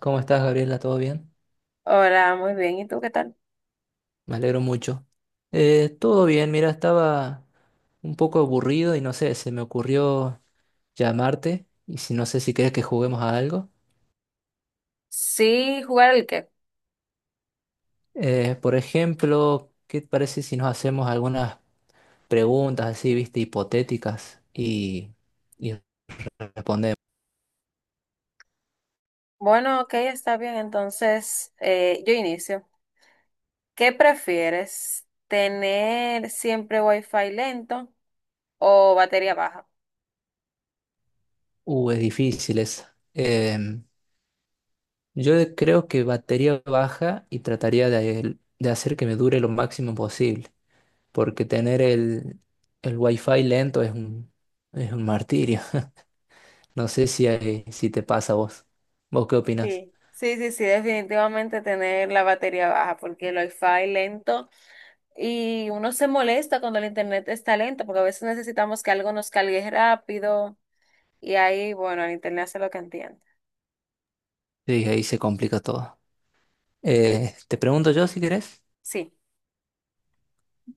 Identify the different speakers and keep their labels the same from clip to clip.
Speaker 1: ¿Cómo estás, Gabriela? ¿Todo bien?
Speaker 2: Hola, muy bien. ¿Y tú qué tal?
Speaker 1: Me alegro mucho. Todo bien, mira, estaba un poco aburrido y no sé, se me ocurrió llamarte si no sé si querés que juguemos a algo.
Speaker 2: Sí, jugar el qué.
Speaker 1: Por ejemplo, ¿qué te parece si nos hacemos algunas preguntas así, viste, hipotéticas y respondemos?
Speaker 2: Bueno, ok, está bien. Entonces, yo inicio. ¿Qué prefieres? ¿Tener siempre wifi lento o batería baja?
Speaker 1: Es difícil esa. Yo creo que batería baja y trataría de hacer que me dure lo máximo posible, porque tener el wifi lento es un martirio. No sé si te pasa a vos. ¿Vos qué opinas?
Speaker 2: Sí, sí, sí, sí, definitivamente tener la batería baja, porque el wifi lento y uno se molesta cuando el internet está lento, porque a veces necesitamos que algo nos cargue rápido y ahí, bueno, el internet hace lo que entiende.
Speaker 1: Sí, ahí se complica todo. Te pregunto yo si querés.
Speaker 2: Sí.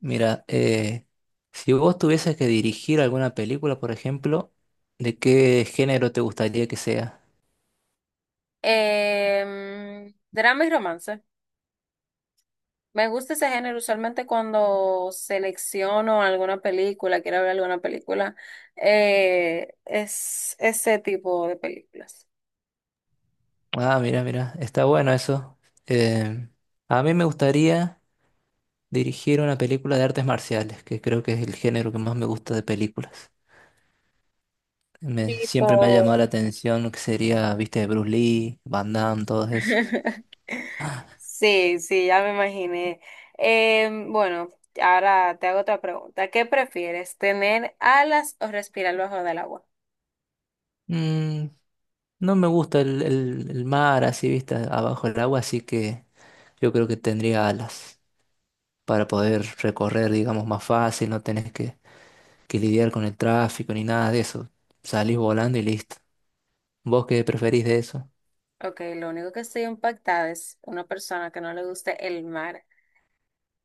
Speaker 1: Mira, si vos tuvieses que dirigir alguna película, por ejemplo, ¿de qué género te gustaría que sea?
Speaker 2: Drama y romance. Me gusta ese género, usualmente cuando selecciono alguna película, quiero ver alguna película, es ese tipo de películas.
Speaker 1: Ah, mira, mira, está bueno eso. Eh, a mí me gustaría dirigir una película de artes marciales, que creo que es el género que más me gusta de películas. Me,
Speaker 2: Tipo.
Speaker 1: siempre me ha llamado la atención lo que sería, viste, Bruce Lee, Van Damme, todos esos.
Speaker 2: Sí, sí, ya me imaginé. Bueno, ahora te hago otra pregunta. ¿Qué prefieres, tener alas o respirar bajo del agua?
Speaker 1: Mm, no me gusta el mar así, viste, abajo del agua, así que yo creo que tendría alas para poder recorrer, digamos, más fácil, no tenés que lidiar con el tráfico ni nada de eso. Salís volando y listo. ¿Vos qué preferís de eso?
Speaker 2: Ok, lo único que estoy impactada es una persona que no le guste el mar.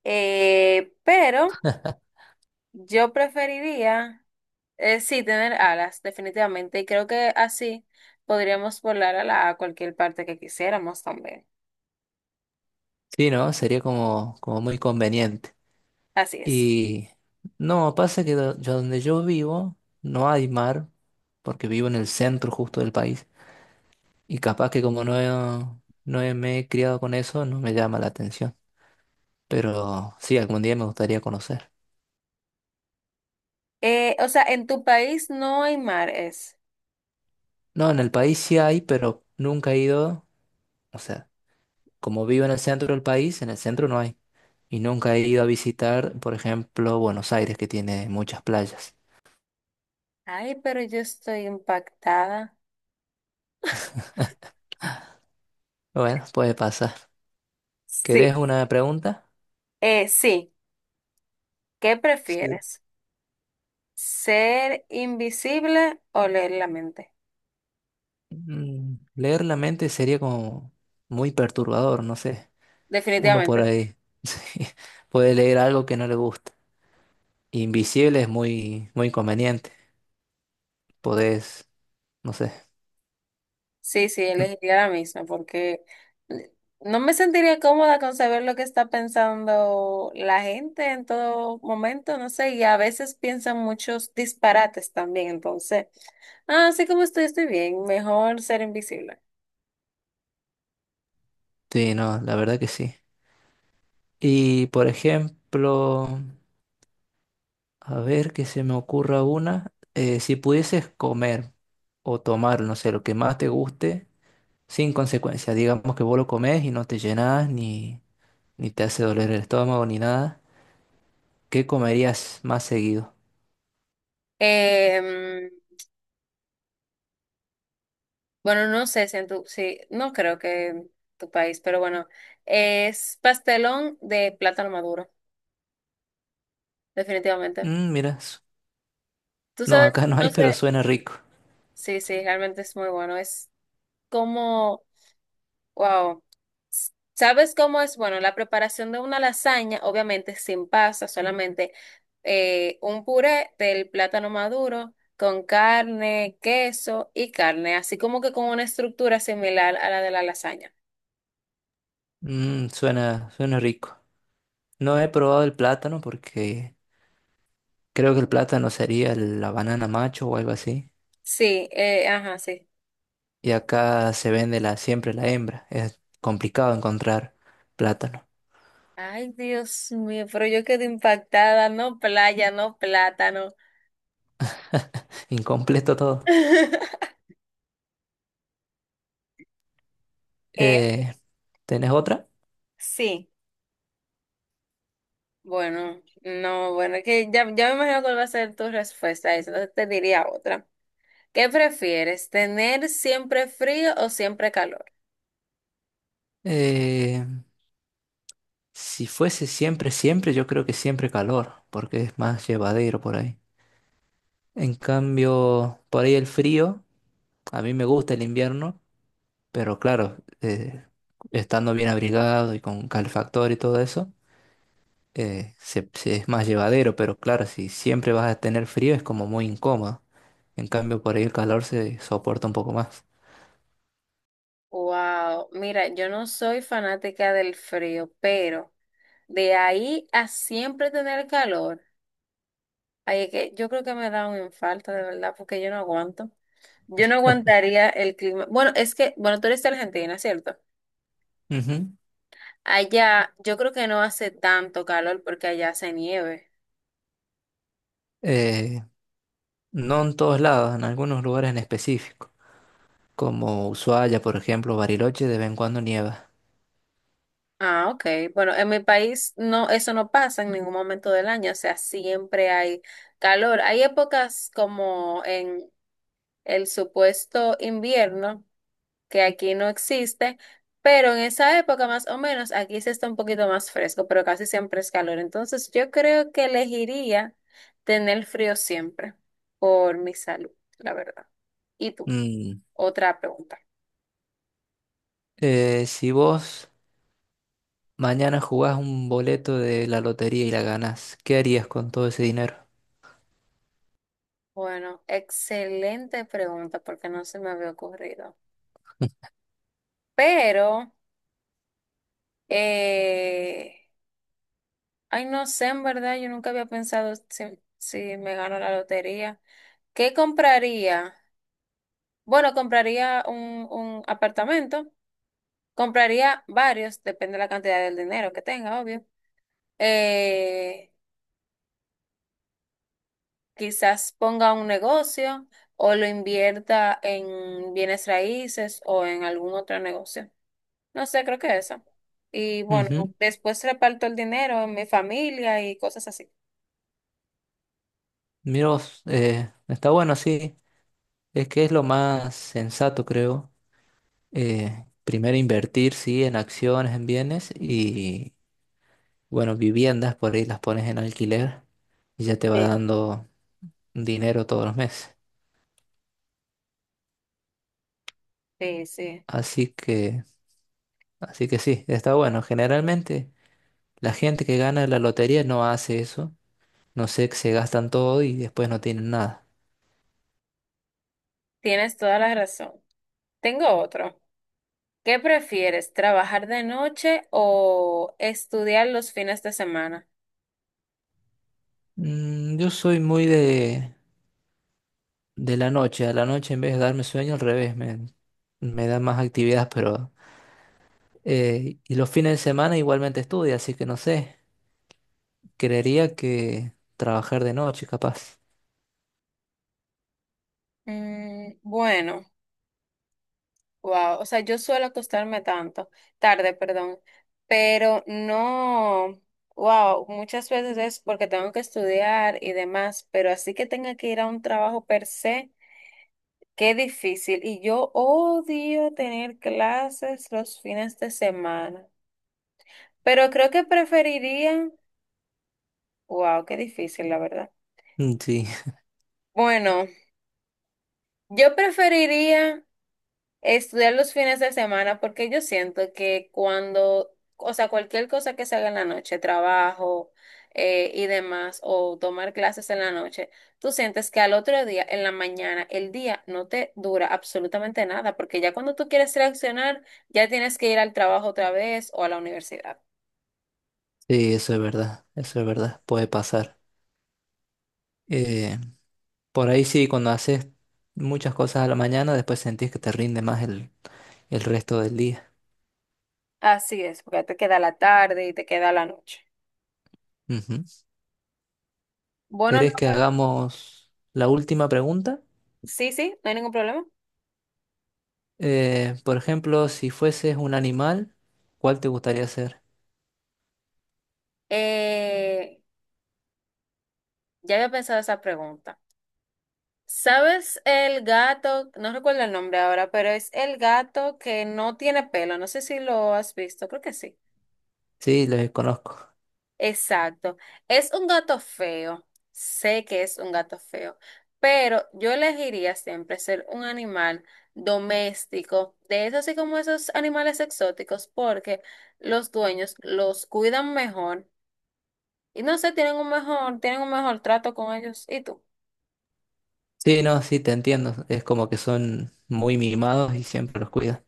Speaker 2: Pero yo preferiría. Sí, tener alas, definitivamente. Y creo que así podríamos volar a, la, a cualquier parte que quisiéramos también.
Speaker 1: Sí, ¿no? Sería como, como muy conveniente.
Speaker 2: Así es.
Speaker 1: Y no, pasa que donde yo vivo no hay mar, porque vivo en el centro justo del país. Y capaz que como no, he- no he- me he criado con eso, no me llama la atención. Pero sí, algún día me gustaría conocer.
Speaker 2: O sea, en tu país no hay mares.
Speaker 1: No, en el país sí hay, pero nunca he ido. O sea, como vivo en el centro del país, en el centro no hay. Y nunca he ido a visitar, por ejemplo, Buenos Aires, que tiene muchas playas.
Speaker 2: Ay, pero yo estoy impactada.
Speaker 1: Bueno, puede pasar. ¿Querés
Speaker 2: Sí,
Speaker 1: una pregunta?
Speaker 2: sí. ¿Qué
Speaker 1: Sí.
Speaker 2: prefieres? ¿Ser invisible o leer la mente?
Speaker 1: Mm, leer la mente sería como muy perturbador, no sé. Uno por
Speaker 2: Definitivamente.
Speaker 1: ahí sí, puede leer algo que no le gusta. Invisible es muy, muy conveniente. Podés, no sé.
Speaker 2: Sí, sí,
Speaker 1: Mm,
Speaker 2: elegiría la misma porque no me sentiría cómoda con saber lo que está pensando la gente en todo momento, no sé, y a veces piensan muchos disparates también, entonces, ah, así como estoy, estoy bien, mejor ser invisible.
Speaker 1: sí, no, la verdad que sí. Y por ejemplo, a ver que se me ocurra una. Si pudieses comer o tomar, no sé, lo que más te guste, sin consecuencias. Digamos que vos lo comés y no te llenás, ni te hace doler el estómago, ni nada. ¿Qué comerías más seguido?
Speaker 2: Em, bueno, no sé si en tu, sí, no creo que en tu país, pero bueno, es pastelón de plátano maduro, definitivamente.
Speaker 1: Mm, mira, su-
Speaker 2: Tú
Speaker 1: no,
Speaker 2: sabes,
Speaker 1: acá no hay,
Speaker 2: no
Speaker 1: pero
Speaker 2: sé,
Speaker 1: suena rico.
Speaker 2: sí, sí, realmente es muy bueno, es como... Wow. ¿Sabes cómo es? Bueno, la preparación de una lasaña, obviamente sin pasta, solamente un puré del plátano maduro con carne, queso y carne, así como que con una estructura similar a la de la lasaña.
Speaker 1: Mm, suena, suena rico. No he probado el plátano porque creo que el plátano sería la banana macho o algo así.
Speaker 2: Sí, ajá, sí.
Speaker 1: Y acá se vende la, siempre la hembra. Es complicado encontrar plátano.
Speaker 2: Ay, Dios mío, pero yo quedé impactada, no playa, no plátano.
Speaker 1: Incompleto todo.
Speaker 2: Eh,
Speaker 1: Eh, ¿Tenés otra?
Speaker 2: sí, bueno, no, bueno, que ya, ya me imagino cuál va a ser tu respuesta a eso, entonces te diría otra. ¿Qué prefieres? ¿Tener siempre frío o siempre calor?
Speaker 1: Eh, si fuese siempre, siempre, yo creo que siempre calor, porque es más llevadero por ahí. En cambio, por ahí el frío, a mí me gusta el invierno, pero claro, estando bien abrigado y con calefactor y todo eso. Es más llevadero, pero claro, si siempre vas a tener frío es como muy incómodo. En cambio, por ahí el calor se soporta un poco más.
Speaker 2: Wow, mira, yo no soy fanática del frío, pero de ahí a siempre tener calor, ay, es que yo creo que me da un infarto de verdad, porque yo no aguanto. Yo no aguantaría el clima. Bueno, es que, bueno, tú eres de Argentina, ¿cierto?
Speaker 1: Ujú.
Speaker 2: Allá yo creo que no hace tanto calor porque allá hace nieve.
Speaker 1: Eh, no en todos lados, en algunos lugares en específico, como Ushuaia, por ejemplo, Bariloche, de vez en cuando nieva.
Speaker 2: Ah, ok. Bueno, en mi país no, eso no pasa en ningún momento del año, o sea, siempre hay calor. Hay épocas como en el supuesto invierno, que aquí no existe, pero en esa época más o menos aquí se está un poquito más fresco, pero casi siempre es calor. Entonces yo creo que elegiría tener frío siempre por mi salud, la verdad. ¿Y tú?
Speaker 1: Mm,
Speaker 2: Otra pregunta.
Speaker 1: si vos mañana jugás un boleto de la lotería y la ganás, ¿qué harías con todo ese dinero?
Speaker 2: Bueno, excelente pregunta porque no se me había ocurrido. Pero... Eh, ay, no sé, en verdad, yo nunca había pensado si me gano la lotería. ¿Qué compraría? Bueno, compraría un apartamento, compraría varios, depende de la cantidad del dinero que tenga, obvio. Eh, Quizás ponga un negocio o lo invierta en bienes raíces o en algún otro negocio. No sé, creo que eso. Y bueno,
Speaker 1: Ujú.
Speaker 2: después reparto el dinero en mi familia y cosas así.
Speaker 1: Mira vos, está bueno, sí, es que es lo más sensato, creo. Primero invertir, sí, en acciones, en bienes y, bueno, viviendas, por ahí las pones en alquiler y ya te va
Speaker 2: Sí.
Speaker 1: dando dinero todos los meses.
Speaker 2: Sí, sí.
Speaker 1: Así que, así que sí, está bueno. Generalmente la gente que gana la lotería no hace eso. No sé, que se gastan todo y después no tienen nada.
Speaker 2: Tienes toda la razón. Tengo otro. ¿Qué prefieres, trabajar de noche o estudiar los fines de semana?
Speaker 1: Mm, yo soy muy de la noche. A la noche en vez de darme sueño, al revés, me da más actividad, pero y los fines de semana igualmente estudio, así que no sé. Creería que trabajar de noche, capaz.
Speaker 2: Mm, bueno, wow. O sea, yo suelo acostarme tanto, tarde, perdón, pero no, wow, muchas veces es porque tengo que estudiar y demás, pero así que tenga que ir a un trabajo per se, qué difícil. Y yo odio tener clases los fines de semana, pero creo que preferiría... Wow, qué difícil, la verdad.
Speaker 1: Mm, sí,
Speaker 2: Bueno, yo preferiría estudiar los fines de semana porque yo siento que cuando, o sea, cualquier cosa que se haga en la noche, trabajo y demás, o tomar clases en la noche, tú sientes que al otro día, en la mañana, el día no te dura absolutamente nada, porque ya cuando tú quieres reaccionar, ya tienes que ir al trabajo otra vez o a la universidad.
Speaker 1: sí, eso es verdad, puede pasar. Eh, por ahí sí, cuando haces muchas cosas a la mañana, después sentís que te rinde más el resto del día.
Speaker 2: Así es, porque te queda la tarde y te queda la noche.
Speaker 1: Ujú.
Speaker 2: Bueno, no,
Speaker 1: ¿Querés que hagamos la última pregunta?
Speaker 2: sí, sí, no hay ningún problema.
Speaker 1: Por ejemplo, si fueses un animal, ¿cuál te gustaría ser?
Speaker 2: Eh, ya había pensado esa pregunta. ¿Sabes el gato? No recuerdo el nombre ahora, pero es el gato que no tiene pelo. No sé si lo has visto, creo que sí.
Speaker 1: Sí, los conozco.
Speaker 2: Exacto. Es un gato feo. Sé que es un gato feo, pero yo elegiría siempre ser un animal doméstico, de esos así como esos animales exóticos, porque los dueños los cuidan mejor y no sé, tienen un mejor trato con ellos. ¿Y tú?
Speaker 1: Sí, no, sí, te entiendo. Es como que son muy mimados y siempre los cuidan.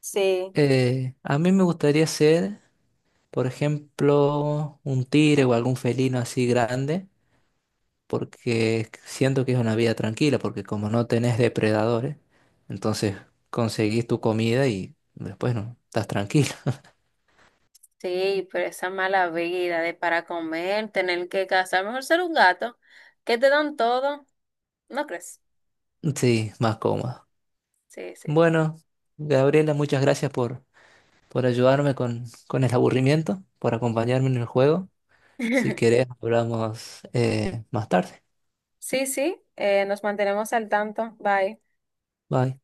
Speaker 2: Sí.
Speaker 1: A mí me gustaría ser, por ejemplo, un tigre o algún felino así grande, porque siento que es una vida tranquila, porque como no tenés depredadores, entonces conseguís tu comida y después no, estás tranquilo.
Speaker 2: Sí, pero esa mala vida de para comer, tener que cazar, mejor ser un gato, que te dan todo, ¿no crees?
Speaker 1: Sí, más cómodo.
Speaker 2: Sí, sí.
Speaker 1: Bueno, Gabriela, muchas gracias por ayudarme con el aburrimiento, por acompañarme en el juego. Si querés, hablamos más tarde.
Speaker 2: Sí, sí, nos mantenemos al tanto. Bye.
Speaker 1: Bye.